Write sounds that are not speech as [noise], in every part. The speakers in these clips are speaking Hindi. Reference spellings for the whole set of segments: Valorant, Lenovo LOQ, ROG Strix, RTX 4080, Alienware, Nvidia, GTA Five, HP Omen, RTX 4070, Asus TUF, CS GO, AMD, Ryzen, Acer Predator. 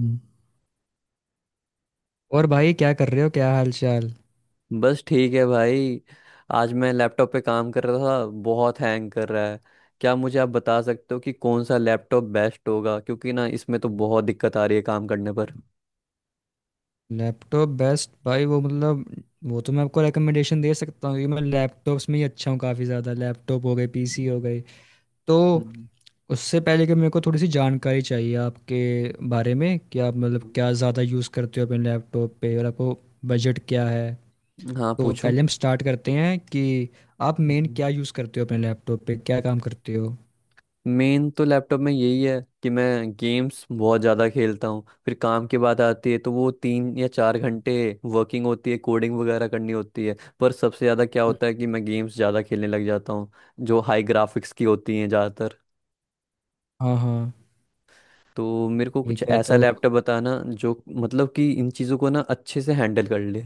हम्म। और भाई क्या कर रहे हो? क्या हाल चाल? बस ठीक है भाई। आज मैं लैपटॉप पे काम कर रहा था, बहुत हैंग कर रहा है। क्या मुझे आप बता सकते हो कि कौन सा लैपटॉप बेस्ट होगा, क्योंकि ना इसमें तो बहुत दिक्कत आ रही है काम करने पर। लैपटॉप बेस्ट भाई वो मतलब वो तो मैं आपको रिकमेंडेशन दे सकता हूँ क्योंकि मैं लैपटॉप्स में ही अच्छा हूँ। काफ़ी ज़्यादा लैपटॉप हो गए, पीसी हो गए। तो हम्म। उससे पहले कि मेरे को थोड़ी सी जानकारी चाहिए आपके बारे में कि आप मतलब क्या ज़्यादा यूज़ करते हो अपने लैपटॉप पे, और आपको बजट क्या है। हाँ, तो पूछो। पहले हम स्टार्ट करते हैं कि आप मेन क्या यूज़ करते हो अपने लैपटॉप पे, क्या काम करते हो। मेन तो लैपटॉप में यही है कि मैं गेम्स बहुत ज़्यादा खेलता हूँ, फिर काम की बात आती है तो वो 3 या 4 घंटे वर्किंग होती है, कोडिंग वगैरह करनी होती है, पर सबसे ज़्यादा क्या हम्म। होता है कि मैं गेम्स ज़्यादा खेलने लग जाता हूँ जो हाई ग्राफिक्स की होती हैं ज़्यादातर। हाँ हाँ। तो मेरे को कुछ ठीक है तो, ऐसा लैपटॉप बताना जो मतलब कि इन चीज़ों को ना अच्छे से हैंडल कर ले।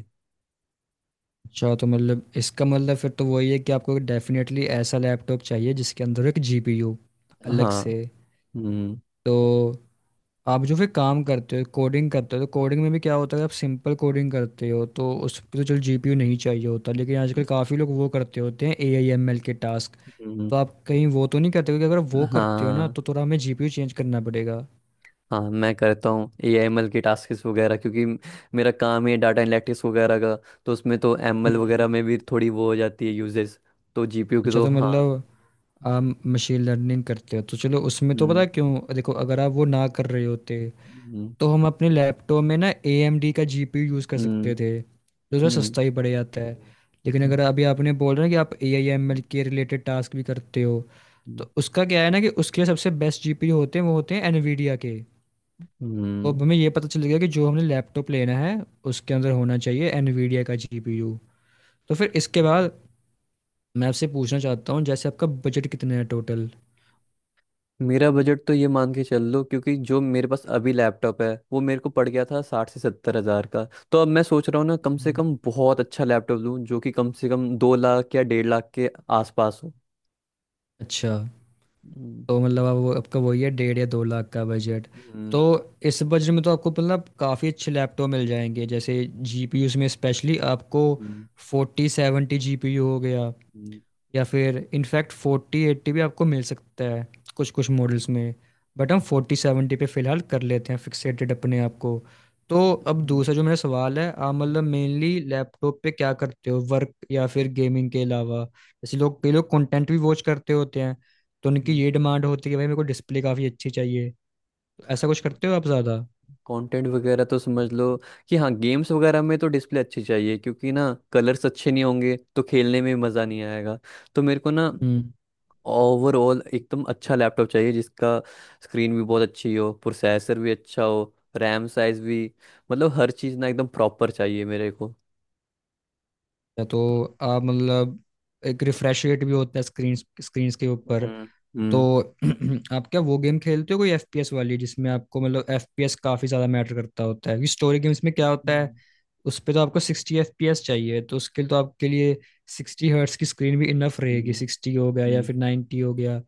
अच्छा तो मतलब इसका मतलब फिर तो वही है कि आपको डेफिनेटली ऐसा लैपटॉप चाहिए जिसके अंदर एक जीपीयू अलग हाँ। से। हम्म। तो आप जो फिर काम करते हो, कोडिंग करते हो, तो कोडिंग में भी क्या होता है, आप सिंपल कोडिंग करते हो तो उस पर तो चलो जीपीयू नहीं चाहिए होता, लेकिन आजकल काफ़ी लोग वो करते होते हैं ए आई एम एल के टास्क। हम्म। तो आप कहीं वो तो नहीं करते? क्योंकि अगर वो करते हो ना हाँ, तो थोड़ा हमें जीपीयू चेंज करना पड़ेगा। हाँ मैं करता हूँ AML के टास्क वगैरह, क्योंकि मेरा काम है डाटा एनालिटिक्स वगैरह का। तो उसमें तो ML वगैरह हम्म। में भी थोड़ी वो हो जाती है यूजेस। तो जीपीयू के अच्छा तो तो हाँ। मतलब आप मशीन लर्निंग करते हो, तो चलो उसमें तो पता हम्म। है क्यों, देखो अगर आप वो ना कर रहे होते हम्म। तो हम अपने लैपटॉप में ना ए एम डी का जी पी यू यूज़ कर सकते हम्म। थे, जो थोड़ा हम्म। सस्ता ही पड़ जाता है। लेकिन अगर अभी आपने बोल रहे हैं कि आप ए आई एम एल के रिलेटेड टास्क भी करते हो, हम्म। तो उसका क्या है ना कि उसके लिए सबसे बेस्ट जी पी यू होते हैं वो होते हैं एनवीडिया के। तो हम्म। अब हमें ये पता चल गया कि जो हमने लैपटॉप लेना है उसके अंदर होना चाहिए एनवीडिया का जी पी यू। तो फिर इसके बाद मैं आपसे पूछना चाहता हूँ, जैसे आपका बजट कितना है टोटल? मेरा बजट तो ये मान के चल लो, क्योंकि जो मेरे पास अभी लैपटॉप है वो मेरे को पड़ गया था 60 से 70 हज़ार का। तो अब मैं सोच रहा हूँ ना, कम से हम्म। कम बहुत अच्छा लैपटॉप लूँ जो कि कम से कम 2 लाख या 1.5 लाख के आसपास हो। अच्छा हम्म। तो मतलब अब वो आपका वही है, डेढ़ या दो लाख का बजट। तो हम्म। इस बजट में तो आपको मतलब काफ़ी अच्छे लैपटॉप मिल जाएंगे, जैसे जीपीयू में स्पेशली आपको हम्म। फोर्टी सेवेंटी जीपीयू हो गया, हम्म। या फिर इनफैक्ट फोर्टी एट्टी भी आपको मिल सकता है कुछ कुछ मॉडल्स में। बट हम फोर्टी सेवेंटी पे फिलहाल कर लेते हैं, फिक्सेटेड अपने आप को। तो अब हम्म। दूसरा जो मेरा सवाल है, आप मतलब मेनली लैपटॉप पे क्या करते हो, वर्क या फिर गेमिंग के अलावा? जैसे लोग, कई लोग कंटेंट भी वॉच करते होते हैं, तो उनकी हम्म। ये डिमांड होती है कि भाई मेरे को डिस्प्ले काफ़ी अच्छी चाहिए। तो ऐसा कुछ करते हो आप ज़्यादा? कंटेंट वगैरह तो समझ लो कि हाँ, गेम्स वगैरह में तो डिस्प्ले अच्छी चाहिए, क्योंकि ना कलर्स अच्छे नहीं होंगे तो खेलने में मज़ा नहीं आएगा। तो मेरे को ना हम्म। ओवरऑल एकदम अच्छा लैपटॉप चाहिए जिसका स्क्रीन भी बहुत अच्छी हो, प्रोसेसर भी अच्छा हो, रैम साइज भी। मतलब हर चीज़ ना एकदम प्रॉपर चाहिए मेरे को। या तो आप मतलब, एक रिफ्रेश रेट भी होता है स्क्रीन स्क्रीन के ऊपर। हम्म। तो हम्म। [clears throat] आप क्या वो गेम खेलते हो कोई एफपीएस वाली, जिसमें आपको मतलब एफपीएस काफी ज्यादा मैटर करता होता है? क्योंकि स्टोरी गेम्स में क्या होता है, हम्म। उस पे तो आपको सिक्सटी एफपीएस चाहिए, तो उसके लिए तो आपके लिए सिक्सटी हर्ट्स की स्क्रीन भी इनफ रहेगी, हम्म। सिक्सटी हो गया या हम्म। फिर 90 हो गया।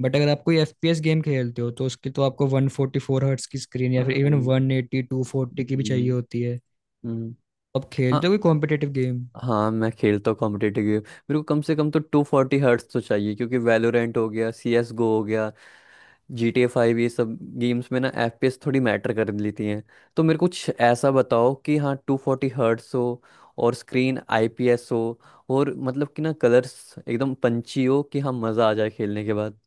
बट अगर आप कोई एफपीएस गेम खेलते हो तो उसके तो आपको वन फोर्टी फोर हर्ट्स की स्क्रीन या हाँ। फिर इवन हम्म। वन एटी टू फोर्टी की भी चाहिए होती है। हम्म। आप हाँ, खेलते हो कोई कॉम्पिटेटिव गेम? हाँ मैं खेलता हूँ कॉम्पिटेटिव गेम। मेरे को कम से कम तो 240 हर्ट्स तो चाहिए, क्योंकि वैलोरेंट हो गया, CS GO हो गया, GTA 5, ये सब गेम्स में ना FPS थोड़ी मैटर कर लेती हैं। तो मेरे को कुछ ऐसा बताओ कि हाँ 240 हर्ट्स हो, और स्क्रीन IPS हो, और मतलब कि ना कलर्स एकदम पंची हो कि हाँ मज़ा आ जाए खेलने के बाद।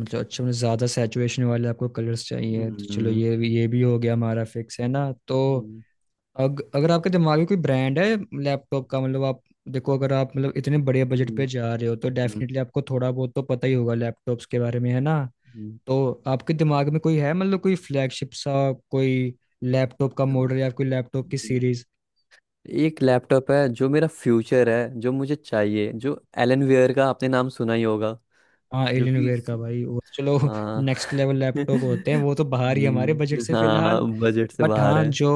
मतलब अच्छा, मतलब ज्यादा सैचुरेशन वाले आपको कलर्स चाहिए, तो चलो हम्म। ये भी, ये भी हो गया हमारा फिक्स है ना। तो हम्म। अगर आपके दिमाग में कोई ब्रांड है लैपटॉप का, मतलब आप, देखो अगर आप मतलब इतने बड़े बजट हम्म। पे जा रहे हो तो हम्म। डेफिनेटली आपको थोड़ा बहुत तो पता ही होगा लैपटॉप्स के बारे में, है ना? हम्म। तो आपके दिमाग में कोई है मतलब कोई फ्लैगशिप सा कोई लैपटॉप का मॉडल या कोई लैपटॉप की हम्म। सीरीज? एक लैपटॉप है जो मेरा फ्यूचर है, जो मुझे चाहिए, जो एलन वेयर का आपने नाम सुना ही होगा। हाँ जो एलियन कि वेयर का भाई वो, चलो हाँ [laughs] नेक्स्ट लेवल [laughs] लैपटॉप होते हैं वो, तो बाहर ही हमारे बजट से हाँ फिलहाल। बजट से बट बाहर हाँ जो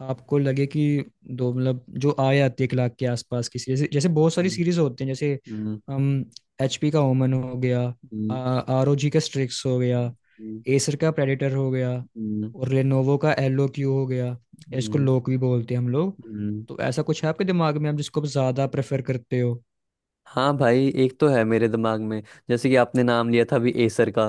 आपको लगे कि दो, मतलब जो आए, आती है एक लाख के आसपास की सीरीज, जैसे बहुत सारी है। सीरीज होती हैं, जैसे Mm, हम एचपी का ओमन हो गया, mm, आरओजी का स्ट्रिक्स हो गया, mm, एसर का प्रेडेटर हो गया, mm, और लेनोवो का एलओक्यू हो गया। इसको mm, लोक भी बोलते हैं हम लोग। mm. तो ऐसा कुछ है आपके दिमाग में, आप जिसको आप ज्यादा प्रेफर करते हो? हाँ भाई, एक तो है मेरे दिमाग में, जैसे कि आपने नाम लिया था अभी एसर का।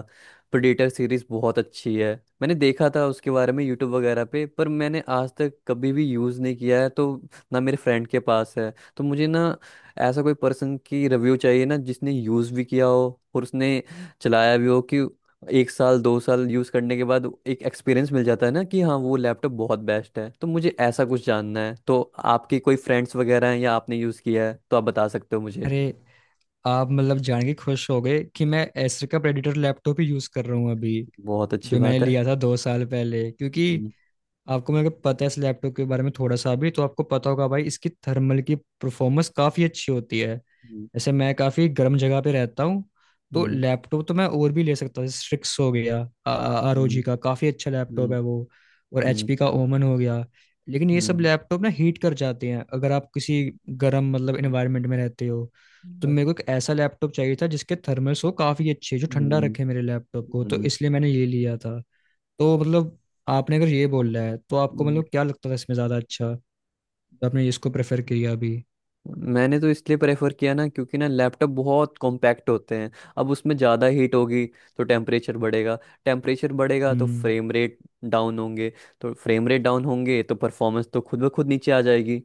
प्रेडेटर सीरीज बहुत अच्छी है, मैंने देखा था उसके बारे में यूट्यूब वगैरह पे, पर मैंने आज तक कभी भी यूज़ नहीं किया है। तो ना मेरे फ्रेंड के पास है तो मुझे ना ऐसा कोई पर्सन की रिव्यू चाहिए ना जिसने यूज़ भी किया हो और उसने चलाया भी हो, कि एक साल दो साल यूज़ करने के बाद एक एक्सपीरियंस मिल जाता है ना कि हाँ वो लैपटॉप बहुत बेस्ट है। तो मुझे ऐसा कुछ जानना है, तो आपके कोई फ्रेंड्स वगैरह हैं या आपने यूज़ किया है तो आप बता सकते हो मुझे। अरे, आप मतलब जान के खुश हो गए कि मैं एसर का प्रेडेटर लैपटॉप ही यूज कर रहा हूँ अभी, बहुत अच्छी जो मैंने बात है। लिया था दो साल पहले। क्योंकि हम्म। आपको, मेरे को पता है, इस लैपटॉप के बारे में थोड़ा सा भी तो आपको पता होगा भाई, इसकी थर्मल की परफॉर्मेंस काफ़ी अच्छी होती है। हम्म। जैसे मैं काफ़ी गर्म जगह पे रहता हूँ, तो हम्म। लैपटॉप तो मैं और भी ले सकता हूँ, जैसे स्ट्रिक्स हो गया, आर ओ हम्म। जी का काफ़ी अच्छा लैपटॉप हम्म। है वो, और एच हम्म। पी का ओमन हो गया, लेकिन ये सब हम्म। लैपटॉप ना हीट कर जाते हैं अगर आप किसी गर्म मतलब इन्वायरमेंट में रहते हो। तो मेरे को एक ऐसा लैपटॉप चाहिए था जिसके थर्मल्स हो काफ़ी अच्छे, जो ठंडा हम्म। रखे हम्म। मेरे लैपटॉप को, तो हम्म। इसलिए मैंने ये लिया था। तो मतलब आपने अगर ये बोला है तो आपको हम्म। मतलब क्या लगता था इसमें ज़्यादा अच्छा, तो आपने इसको प्रेफर किया अभी? मैंने तो इसलिए प्रेफर किया ना, क्योंकि ना लैपटॉप बहुत कॉम्पैक्ट होते हैं। अब उसमें ज़्यादा हीट होगी तो टेम्परेचर बढ़ेगा। टेम्परेचर बढ़ेगा तो हम्म। फ्रेम रेट डाउन होंगे। तो फ्रेम रेट डाउन होंगे तो परफॉर्मेंस तो खुद ब खुद नीचे आ जाएगी।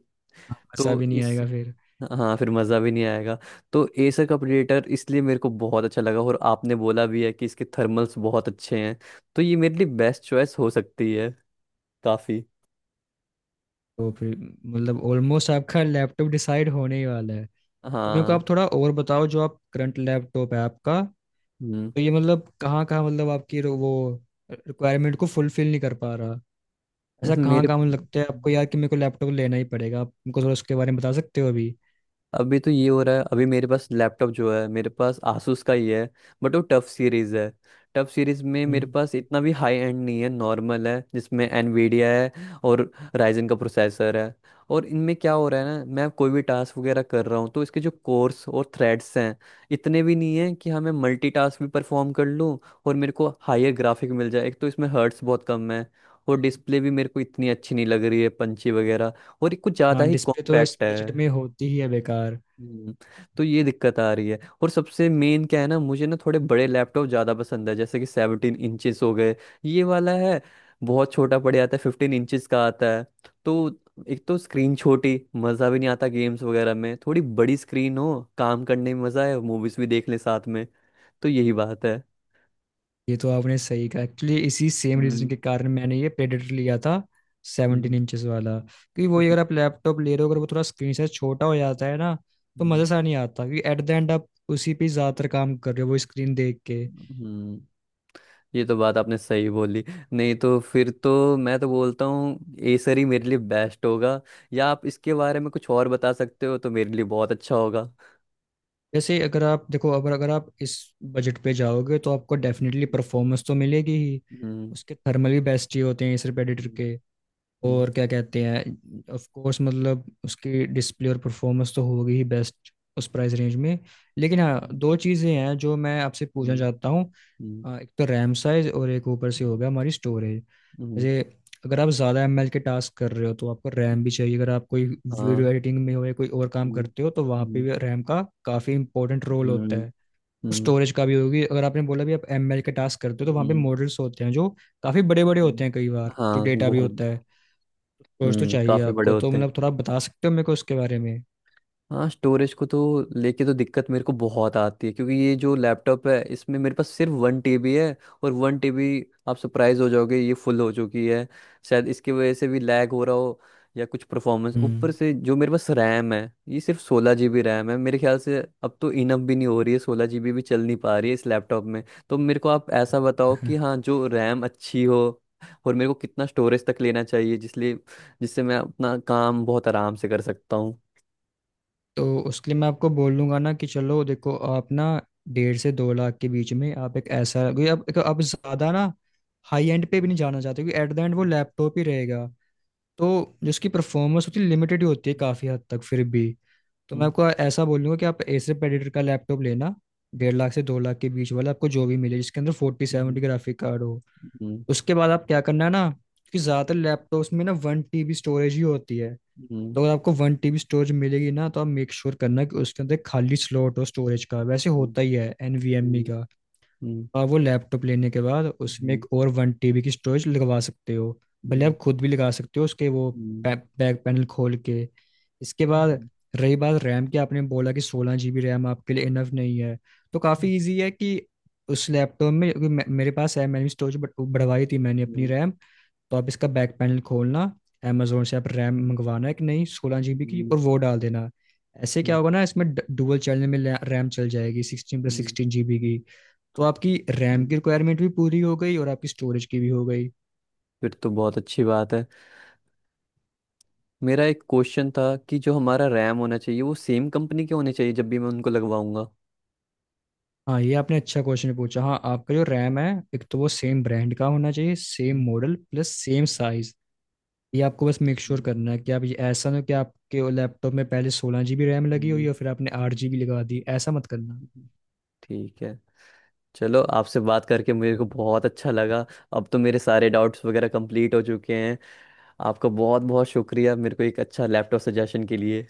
हाँ, मज़ा तो भी नहीं इस आएगा फिर। हाँ, फिर मज़ा भी नहीं आएगा। तो एसर का प्रेडेटर इसलिए मेरे को बहुत अच्छा लगा, और आपने बोला भी है कि इसके थर्मल्स बहुत अच्छे हैं। तो ये मेरे लिए बेस्ट चॉइस हो सकती है काफ़ी। तो फिर मतलब ऑलमोस्ट आपका लैपटॉप डिसाइड होने ही वाला है। तो मेरे को हाँ। आप थोड़ा और बताओ, जो आप करंट लैपटॉप है आपका, तो हम्म। ये मतलब कहाँ कहाँ मतलब आपकी वो रिक्वायरमेंट को फुलफिल नहीं कर पा रहा? ऐसा [laughs] कहाँ मेरे कहाँ मतलब लगता है आपको यार कि मेरे को लैपटॉप लेना ही पड़ेगा? आप हमको थोड़ा उसके बारे में बता सकते हो अभी? अभी तो ये हो रहा है, अभी मेरे पास लैपटॉप जो है, मेरे पास आसूस का ही है। बट वो टफ सीरीज है। टफ सीरीज में मेरे हम्म। पास इतना भी हाई एंड नहीं है, नॉर्मल है जिसमें एनवीडिया है और राइजन का प्रोसेसर है। और इनमें क्या हो रहा है ना, मैं कोई भी टास्क वगैरह कर रहा हूँ तो इसके जो कोर्स और थ्रेड्स हैं इतने भी नहीं है कि हाँ मैं मल्टीटास्क भी परफॉर्म कर लूँ और मेरे को हायर ग्राफिक मिल जाए। एक तो इसमें हर्ट्स बहुत कम है, और डिस्प्ले भी मेरे को इतनी अच्छी नहीं लग रही है पंची वगैरह, और ये कुछ ज़्यादा हाँ ही डिस्प्ले तो इस कॉम्पैक्ट बजट में है। होती ही है बेकार। हम्म। तो ये दिक्कत आ रही है। और सबसे मेन क्या है ना, मुझे ना थोड़े बड़े लैपटॉप ज़्यादा पसंद है, जैसे कि 17 इंचेस हो गए। ये वाला है बहुत छोटा पड़ जाता है, 15 इंचेस का आता है। तो एक तो स्क्रीन छोटी मज़ा भी नहीं आता गेम्स वगैरह में, थोड़ी बड़ी स्क्रीन हो काम करने में मज़ा है, मूवीज़ भी देख लें साथ में। तो यही बात है। ये तो आपने सही कहा, एक्चुअली इसी सेम रीजन हम्म। के कारण मैंने ये प्रेडेटर लिया था, सेवनटीन हम्म। इंचेस वाला। क्योंकि वही, अगर आप [laughs] लैपटॉप ले रहे हो, अगर वो थोड़ा स्क्रीन साइज छोटा हो जाता है ना तो हम्म। मज़े सा नहीं आता, क्योंकि एट द एंड आप उसी पे ज़्यादातर काम कर रहे हो वो स्क्रीन देख के। हम्म। ये तो बात आपने सही बोली। नहीं तो फिर तो मैं तो बोलता हूँ एसर ही मेरे लिए बेस्ट होगा। या आप इसके बारे में कुछ और बता सकते हो तो मेरे लिए बहुत अच्छा होगा। वैसे अगर आप देखो, अगर अगर आप इस बजट पे जाओगे तो आपको डेफिनेटली परफॉर्मेंस तो मिलेगी ही, हम्म। उसके थर्मल भी बेस्ट ही होते हैं इस प्रेडेटर हम्म। के, हम्म। और क्या कहते हैं, ऑफ कोर्स मतलब उसकी डिस्प्ले और परफॉर्मेंस तो होगी ही बेस्ट उस प्राइस रेंज में। लेकिन हाँ दो चीज़ें हैं जो मैं आपसे पूछना हम्म। चाहता हूँ। हम्म। एक तो रैम साइज, और एक ऊपर से होगा हमारी स्टोरेज। हम्म। हम्म। जैसे अगर आप ज़्यादा एम एल के टास्क कर रहे हो तो आपको रैम भी चाहिए, अगर आप कोई हाँ। वीडियो एडिटिंग में हो या कोई और काम हम्म। करते हो तो वहाँ पे हम्म। भी रैम का काफ़ी इंपॉर्टेंट रोल होता हम्म। है। हम्म। स्टोरेज का भी होगी, अगर आपने बोला भी आप एम एल के टास्क करते हो, तो वहाँ पे हम्म। मॉडल्स होते हैं जो काफ़ी बड़े बड़े हम्म। होते हैं, कई बार जो हाँ डेटा भी बहुत। होता है। कोर्स तो हम्म, चाहिए काफी बड़े आपको, तो होते हैं। मतलब थोड़ा बता सकते हो मेरे को उसके बारे में? हाँ, स्टोरेज को तो लेके तो दिक्कत मेरे को बहुत आती है, क्योंकि ये जो लैपटॉप है इसमें मेरे पास सिर्फ 1 TB है। और 1 TB, आप सरप्राइज हो जाओगे, ये फुल हो चुकी है। शायद इसकी वजह से भी लैग हो रहा हो या कुछ परफॉर्मेंस। ऊपर हम्म। से जो मेरे पास रैम है, ये सिर्फ 16 GB रैम है मेरे ख्याल से। अब तो इनफ भी नहीं हो रही है, 16 GB भी चल नहीं पा रही है इस लैपटॉप में। तो मेरे को आप ऐसा बताओ कि हाँ [laughs] जो रैम अच्छी हो, और मेरे को कितना स्टोरेज तक लेना चाहिए जिसलिए, जिससे मैं अपना काम बहुत आराम से कर सकता हूँ। तो उसके लिए मैं आपको बोल दूंगा ना कि चलो देखो, आप ना डेढ़ से दो लाख के बीच में आप एक ऐसा, क्योंकि आप एक- आप ज़्यादा ना हाई एंड पे भी नहीं जाना चाहते, क्योंकि एट द एंड वो हम्म। लैपटॉप ही रहेगा, तो जो उसकी परफॉर्मेंस होती है लिमिटेड ही होती है हम्म। काफ़ी हद तक फिर भी। तो मैं हम्म। आपको ऐसा बोलूँगा कि आप एसर प्रेडिटर का लैपटॉप लेना, डेढ़ लाख से दो लाख के बीच वाला, आपको जो भी मिले जिसके अंदर फोर्टी हम्म। सेवेंटी ग्राफिक कार्ड हो। हम्म। हम्म। उसके बाद आप क्या करना है ना, क्योंकि ज्यादातर लैपटॉप्स में ना वन टीबी स्टोरेज ही होती है, हम्म। तो अगर आपको वन टीबी स्टोरेज मिलेगी ना तो आप मेक श्योर करना कि उसके अंदर खाली स्लॉट हो स्टोरेज का, वैसे होता ही है एनवीएमई हम्म। का। हम्म। आप वो लैपटॉप लेने के बाद उसमें हम्म। एक और वन टीबी की स्टोरेज लगवा सकते हो, भले हम्म। आप खुद भी लगा सकते हो उसके वो हम्म। बैक पैनल खोल के। इसके हम्म। बाद हम्म। रही बात रैम की, आपने बोला कि सोलह जीबी रैम आपके लिए इनफ नहीं है, तो काफ़ी इजी है कि उस लैपटॉप में, क्योंकि मेरे पास है, मैंने स्टोरेज बढ़वाई थी, मैंने अपनी रैम। तो आप इसका बैक पैनल खोलना, अमेजोन से आप रैम मंगवाना एक नई सोलह जीबी की हम्म। और वो डाल देना। ऐसे क्या हम्म। होगा ना, इसमें डुअल चैनल में रैम चल जाएगी सिक्सटीन प्लस हम्म। सिक्सटीन जीबी की। तो आपकी रैम हम्म। की रिक्वायरमेंट भी पूरी हो गई और आपकी स्टोरेज की भी हो गई। फिर तो बहुत अच्छी बात है। मेरा एक क्वेश्चन था कि जो हमारा रैम होना चाहिए वो सेम कंपनी के होने चाहिए जब भी मैं उनको लगवाऊंगा। हाँ ये आपने अच्छा क्वेश्चन पूछा। हाँ आपका जो रैम है, एक तो वो सेम ब्रांड का होना चाहिए, सेम हम्म। Model plus same size. ये आपको बस मेक श्योर हम्म। करना है कि आप, ये ऐसा ना हो कि आपके लैपटॉप में पहले सोलह जीबी रैम लगी हम्म। हुई और फिर आपने आठ हम्म। जीबी लगा दी, ऐसा मत करना। हम्म। ठीक है। चलो, आपसे बात करके मेरे को बहुत अच्छा लगा। अब तो मेरे सारे डाउट्स वगैरह कंप्लीट हो चुके हैं। आपका बहुत बहुत शुक्रिया मेरे को एक अच्छा लैपटॉप सजेशन के लिए।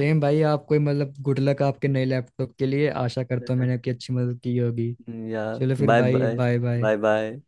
सेम भाई, आपको ही, मतलब गुड लक आपके नए लैपटॉप के लिए, आशा करता हूँ मैंने आपकी [laughs] अच्छी मदद की होगी। या। चलो फिर बाय भाई, bye. Bye bye. Bye bye.